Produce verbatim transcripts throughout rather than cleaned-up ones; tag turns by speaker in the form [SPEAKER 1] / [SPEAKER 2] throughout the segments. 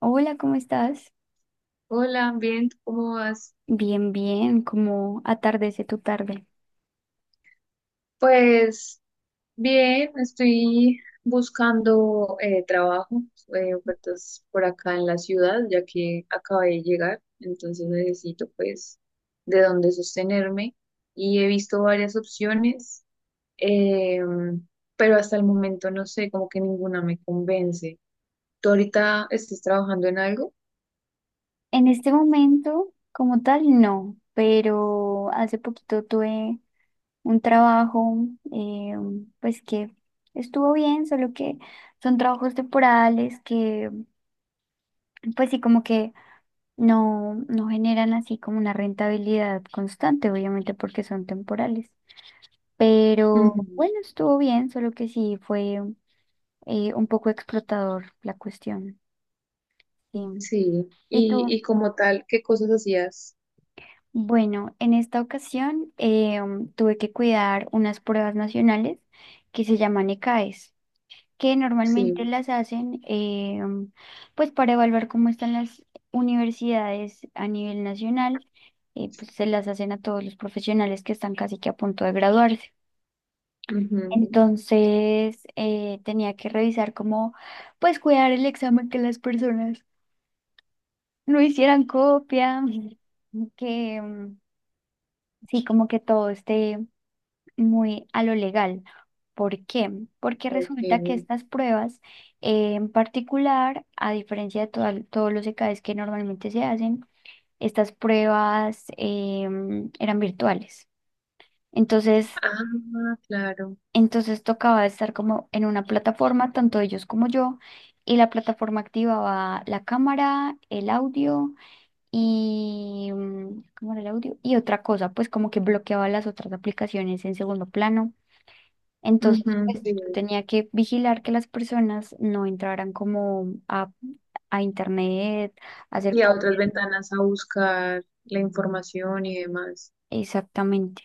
[SPEAKER 1] Hola, ¿cómo estás?
[SPEAKER 2] Hola, bien, ¿tú ¿cómo vas?
[SPEAKER 1] Bien, bien, ¿cómo atardece tu tarde?
[SPEAKER 2] Pues bien, estoy buscando eh, trabajo, eh, ofertas por acá en la ciudad, ya que acabé de llegar, entonces necesito pues de dónde sostenerme y he visto varias opciones, eh, pero hasta el momento no sé, como que ninguna me convence. ¿Tú ahorita estás trabajando en algo?
[SPEAKER 1] En este momento, como tal, no, pero hace poquito tuve un trabajo, eh, pues que estuvo bien, solo que son trabajos temporales que, pues sí, como que no, no generan así como una rentabilidad constante, obviamente porque son temporales. Pero
[SPEAKER 2] Ujú.
[SPEAKER 1] bueno, estuvo bien, solo que sí fue eh, un poco explotador la cuestión. Sí.
[SPEAKER 2] Sí,
[SPEAKER 1] Y
[SPEAKER 2] y,
[SPEAKER 1] tú,
[SPEAKER 2] y como tal, ¿qué cosas hacías?
[SPEAKER 1] bueno, en esta ocasión eh, um, tuve que cuidar unas pruebas nacionales que se llaman ECAES, que normalmente
[SPEAKER 2] Sí.
[SPEAKER 1] las hacen eh, um, pues para evaluar cómo están las universidades a nivel nacional, eh, pues se las hacen a todos los profesionales que están casi que a punto de graduarse.
[SPEAKER 2] Ujú.
[SPEAKER 1] Entonces eh, tenía que revisar cómo pues cuidar el examen que las personas no hicieran copia, que... um, sí, como que todo esté muy a lo legal. ¿Por qué? Porque
[SPEAKER 2] Ok.
[SPEAKER 1] resulta que estas pruebas eh, en particular, a diferencia de toda- todos los E Ks que normalmente se hacen, estas pruebas em, eran virtuales. Entonces,
[SPEAKER 2] Ah, claro.
[SPEAKER 1] entonces tocaba estar como en una plataforma, tanto ellos como yo, y la plataforma activaba la cámara, el audio y mm, ¿cómo era el audio? Y otra cosa, pues como que bloqueaba las otras aplicaciones en segundo plano.
[SPEAKER 2] Ujú,
[SPEAKER 1] Entonces, pues
[SPEAKER 2] sí.
[SPEAKER 1] yo tenía que vigilar que las personas no entraran como a, a internet, a hacer
[SPEAKER 2] Y a otras
[SPEAKER 1] copias.
[SPEAKER 2] ventanas a buscar la información y demás.
[SPEAKER 1] Exactamente.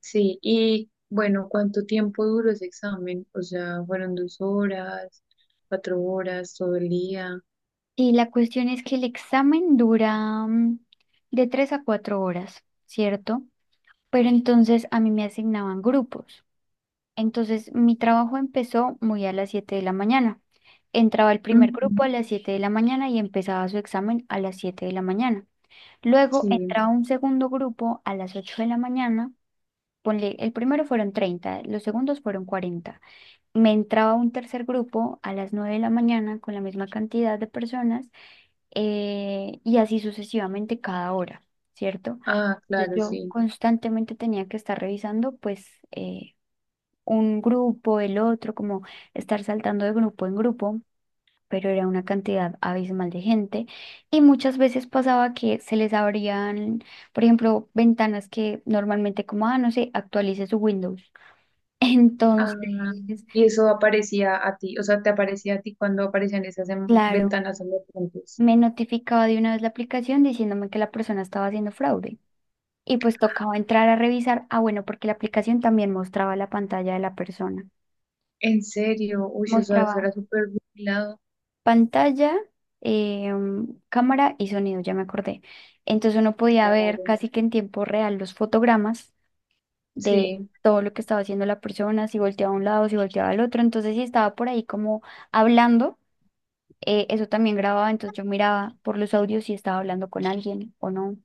[SPEAKER 2] Sí, y bueno, ¿cuánto tiempo duró ese examen? O sea, ¿fueron dos horas, cuatro horas, todo el día?
[SPEAKER 1] Y la cuestión es que el examen dura mm, de tres a cuatro horas, ¿cierto? Pero entonces a mí me asignaban grupos. Entonces mi trabajo empezó muy a las siete de la mañana. Entraba el primer grupo a
[SPEAKER 2] Ujú.
[SPEAKER 1] las siete de la mañana y empezaba su examen a las siete de la mañana. Luego
[SPEAKER 2] Sí.
[SPEAKER 1] entraba un segundo grupo a las ocho de la mañana. Ponle, el primero fueron treinta, los segundos fueron cuarenta. Me entraba un tercer grupo a las nueve de la mañana con la misma cantidad de personas, eh, y así sucesivamente cada hora, ¿cierto?
[SPEAKER 2] Ah,
[SPEAKER 1] Entonces
[SPEAKER 2] claro,
[SPEAKER 1] yo
[SPEAKER 2] sí.
[SPEAKER 1] constantemente tenía que estar revisando pues eh, un grupo, el otro, como estar saltando de grupo en grupo, pero era una cantidad abismal de gente y muchas veces pasaba que se les abrían, por ejemplo, ventanas que normalmente como, ah, no sé, actualice su Windows.
[SPEAKER 2] Ah,
[SPEAKER 1] Entonces,
[SPEAKER 2] ¿y eso aparecía a ti? O sea, ¿te aparecía a ti cuando aparecían esas em-
[SPEAKER 1] claro,
[SPEAKER 2] ventanas en los puntos?
[SPEAKER 1] me notificaba de una vez la aplicación diciéndome que la persona estaba haciendo fraude. Y pues tocaba entrar a revisar, ah, bueno, porque la aplicación también mostraba la pantalla de la persona.
[SPEAKER 2] En serio, uy, o sea, eso
[SPEAKER 1] Mostraba
[SPEAKER 2] era súper vigilado.
[SPEAKER 1] pantalla, eh, cámara y sonido, ya me acordé. Entonces uno podía ver
[SPEAKER 2] Claro,
[SPEAKER 1] casi que en tiempo real los fotogramas de
[SPEAKER 2] sí.
[SPEAKER 1] todo lo que estaba haciendo la persona, si volteaba a un lado, si volteaba al otro. Entonces, si estaba por ahí como hablando, eh, eso también grababa, entonces yo miraba por los audios si estaba hablando con alguien o no.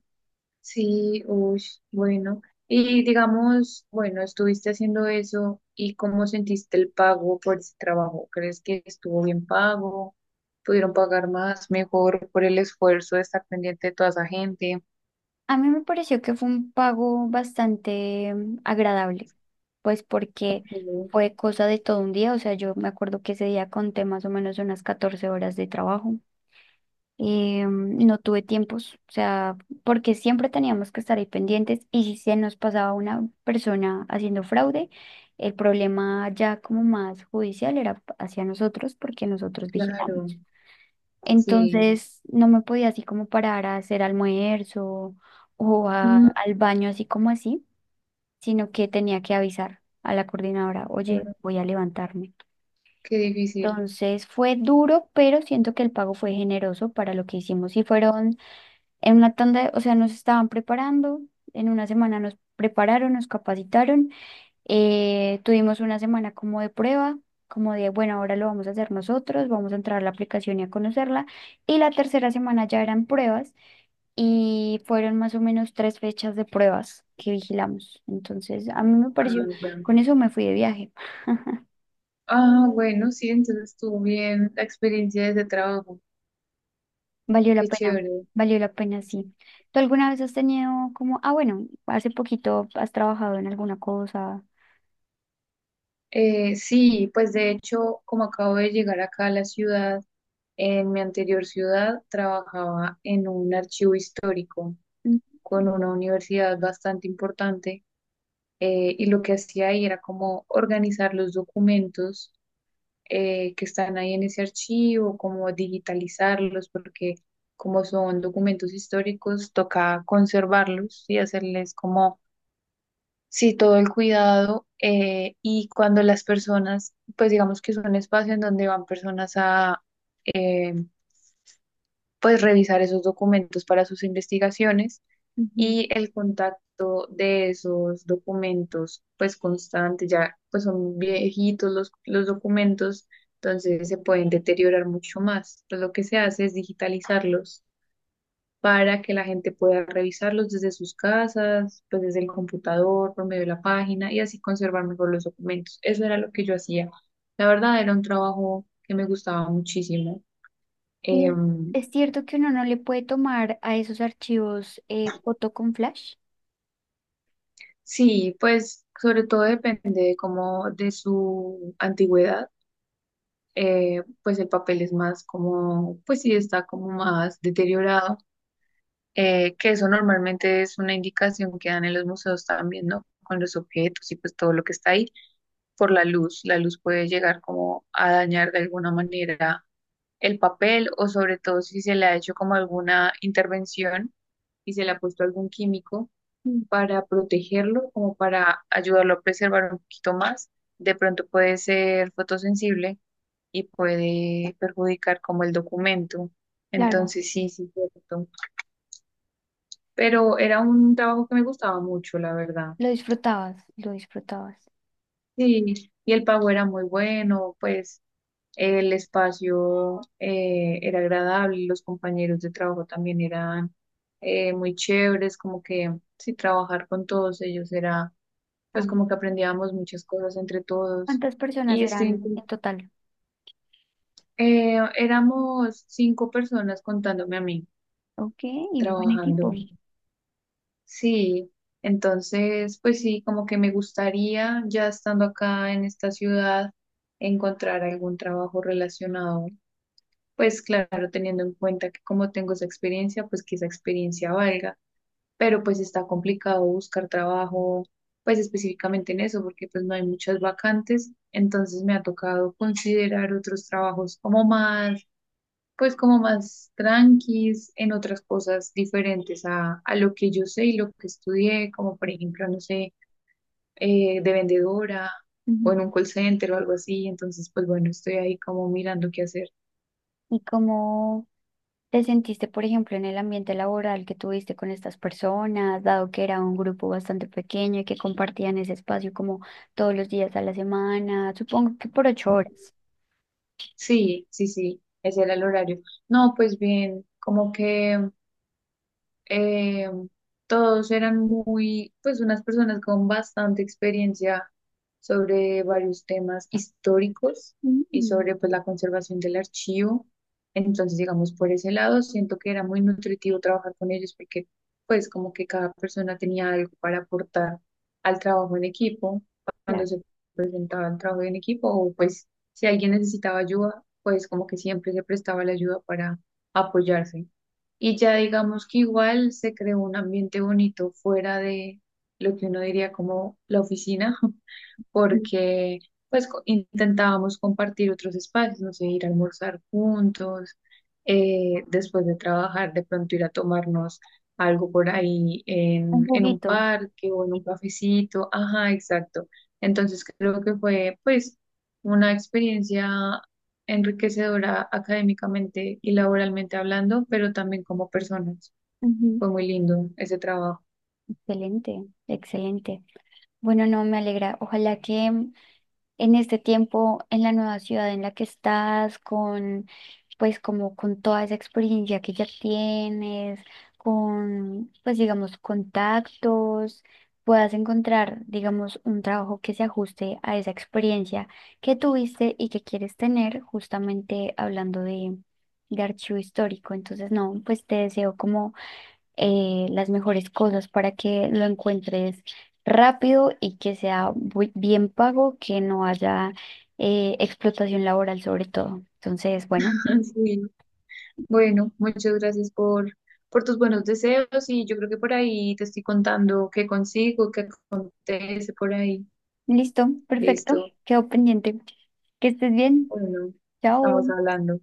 [SPEAKER 2] Sí, uy, bueno. Y digamos, bueno, estuviste haciendo eso y ¿cómo sentiste el pago por ese trabajo? ¿Crees que estuvo bien pago? ¿Pudieron pagar más, mejor por el esfuerzo de estar pendiente de toda esa gente?
[SPEAKER 1] A mí me pareció que fue un pago bastante mm, agradable, pues porque
[SPEAKER 2] Sí,
[SPEAKER 1] fue cosa de todo un día, o sea, yo me acuerdo que ese día conté más o menos unas catorce horas de trabajo. Eh, mm, no tuve tiempos, o sea, porque siempre teníamos que estar ahí pendientes y si se nos pasaba una persona haciendo fraude, el problema ya como más judicial era hacia nosotros porque nosotros
[SPEAKER 2] claro,
[SPEAKER 1] vigilamos.
[SPEAKER 2] sí.
[SPEAKER 1] Entonces no me podía así como parar a hacer almuerzo o a-
[SPEAKER 2] Mm,
[SPEAKER 1] al baño así como así, sino que tenía que avisar a la coordinadora, oye,
[SPEAKER 2] claro,
[SPEAKER 1] voy a levantarme.
[SPEAKER 2] qué difícil.
[SPEAKER 1] Entonces fue duro, pero siento que el pago fue generoso para lo que hicimos. Y fueron en una tanda, o sea, nos estaban preparando, en una semana nos prepararon, nos capacitaron, eh, tuvimos una semana como de prueba, como de, bueno, ahora lo vamos a hacer nosotros, vamos a entrar a la aplicación y a conocerla. Y la tercera semana ya eran pruebas y fueron más o menos tres fechas de pruebas que vigilamos. Entonces, a mí me
[SPEAKER 2] Ah,
[SPEAKER 1] pareció,
[SPEAKER 2] ya.
[SPEAKER 1] con eso me fui de viaje.
[SPEAKER 2] Ah, bueno, sí, entonces estuvo bien la experiencia de ese trabajo.
[SPEAKER 1] Valió la
[SPEAKER 2] Qué
[SPEAKER 1] pena,
[SPEAKER 2] chévere.
[SPEAKER 1] valió la pena, sí. ¿Tú alguna vez has tenido como, ah, bueno, hace poquito has trabajado en alguna cosa?
[SPEAKER 2] Eh, sí, pues de hecho, como acabo de llegar acá a la ciudad, en mi anterior ciudad trabajaba en un archivo histórico
[SPEAKER 1] Mm.
[SPEAKER 2] con una universidad bastante importante. Eh, y lo que hacía ahí era como organizar los documentos, eh, que están ahí en ese archivo, como digitalizarlos, porque como son documentos históricos, toca conservarlos y hacerles como sí, todo el cuidado. Eh, y cuando las personas, pues digamos que es un espacio en donde van personas a eh, pues revisar esos documentos para sus investigaciones
[SPEAKER 1] Ujú.
[SPEAKER 2] y el contacto de esos documentos pues constante, ya pues son viejitos los, los documentos, entonces se pueden deteriorar mucho más. Entonces, lo que se hace es digitalizarlos para que la gente pueda revisarlos desde sus casas, pues desde el computador, por medio de la página y así conservar mejor los documentos. Eso era lo que yo hacía. La verdad era un trabajo que me gustaba muchísimo.
[SPEAKER 1] Y es,
[SPEAKER 2] Em,
[SPEAKER 1] es cierto que uno no le puede tomar a esos archivos eh, foto con flash.
[SPEAKER 2] sí, pues sobre todo depende de cómo de su antigüedad. Eh, pues el papel es más como, pues sí está como más deteriorado, eh, que eso normalmente es una indicación que dan en los museos también, ¿no? Con los objetos y pues todo lo que está ahí por la luz. La luz puede llegar como a dañar de alguna manera el papel o sobre todo si se le ha hecho como alguna intervención y se le ha puesto algún químico
[SPEAKER 1] Mm.
[SPEAKER 2] para protegerlo, como para ayudarlo a preservar un poquito más. De pronto puede ser fotosensible y puede perjudicar como el documento.
[SPEAKER 1] Claro,
[SPEAKER 2] Entonces sí, sí, cierto. Pero era un trabajo que me gustaba mucho, la verdad.
[SPEAKER 1] lo disfrutabas, lo disfrutabas.
[SPEAKER 2] Sí, y el pago era muy bueno, pues. El espacio eh, era agradable, los compañeros de trabajo también eran eh, muy chéveres, como que sí, trabajar con todos ellos era, pues
[SPEAKER 1] Amo.
[SPEAKER 2] como que aprendíamos muchas cosas entre todos.
[SPEAKER 1] ¿Cuántas personas
[SPEAKER 2] Y este,
[SPEAKER 1] eran en total?
[SPEAKER 2] eh, éramos cinco personas contándome a mí,
[SPEAKER 1] Ok, y buen equipo.
[SPEAKER 2] trabajando.
[SPEAKER 1] Ujú.
[SPEAKER 2] Sí, entonces, pues sí, como que me gustaría, ya estando acá en esta ciudad, encontrar algún trabajo relacionado. Pues claro, teniendo en cuenta que como tengo esa experiencia, pues que esa experiencia valga, pero pues está complicado buscar trabajo, pues específicamente en eso, porque pues no hay muchas vacantes, entonces me ha tocado considerar otros trabajos como más, pues como más tranquis, en otras cosas diferentes a, a lo que yo sé y lo que estudié, como por ejemplo, no sé, eh, de vendedora o en un call center o algo así, entonces pues bueno, estoy ahí como mirando qué hacer.
[SPEAKER 1] ¿Y cómo te sentiste, por ejemplo, en el ambiente laboral que tuviste con estas personas, dado que era un grupo bastante pequeño y que compartían ese espacio como todos los días a la semana, supongo que por ocho horas?
[SPEAKER 2] Sí, sí, sí, ese era el horario. No, pues bien, como que eh, todos eran muy, pues unas personas con bastante experiencia sobre varios temas históricos y
[SPEAKER 1] Mm,
[SPEAKER 2] sobre pues la conservación del archivo. Entonces, digamos, por ese lado, siento que era muy nutritivo trabajar con ellos porque pues como que cada persona tenía algo para aportar al trabajo en equipo, cuando
[SPEAKER 1] claro,
[SPEAKER 2] se presentaba el trabajo en equipo o pues si alguien necesitaba ayuda, pues como que siempre se prestaba la ayuda para apoyarse. Y ya digamos que igual se creó un ambiente bonito fuera de lo que uno diría como la oficina,
[SPEAKER 1] un
[SPEAKER 2] porque pues co- intentábamos compartir otros espacios, no sé, ir a almorzar juntos, eh, después de trabajar, de pronto ir a tomarnos algo por ahí en, en un
[SPEAKER 1] juguito.
[SPEAKER 2] parque o en un cafecito, ajá, exacto. Entonces creo que fue pues una experiencia enriquecedora académicamente y laboralmente hablando, pero también como personas. Fue muy lindo ese trabajo.
[SPEAKER 1] Excelente, excelente. Bueno, no, me alegra. Ojalá que mm, en este tiempo, en la nueva ciudad en la que estás, con, pues como con toda esa experiencia que ya tienes, con, pues digamos, contactos, puedas encontrar, digamos, un trabajo que se ajuste a esa experiencia que tuviste y que quieres tener, justamente hablando de, de archivo histórico. Entonces, no, pues te deseo como eh, las mejores cosas para que lo encuentres rápido y que sea bu- bien pago, que no haya eh, explotación laboral sobre todo. Entonces, bueno,
[SPEAKER 2] Sí. Bueno, muchas gracias por, por tus buenos deseos y yo creo que por ahí te estoy contando qué consigo, qué acontece por ahí.
[SPEAKER 1] listo, perfecto,
[SPEAKER 2] Listo.
[SPEAKER 1] quedó pendiente. Que estés bien,
[SPEAKER 2] Bueno,
[SPEAKER 1] chao.
[SPEAKER 2] estamos hablando.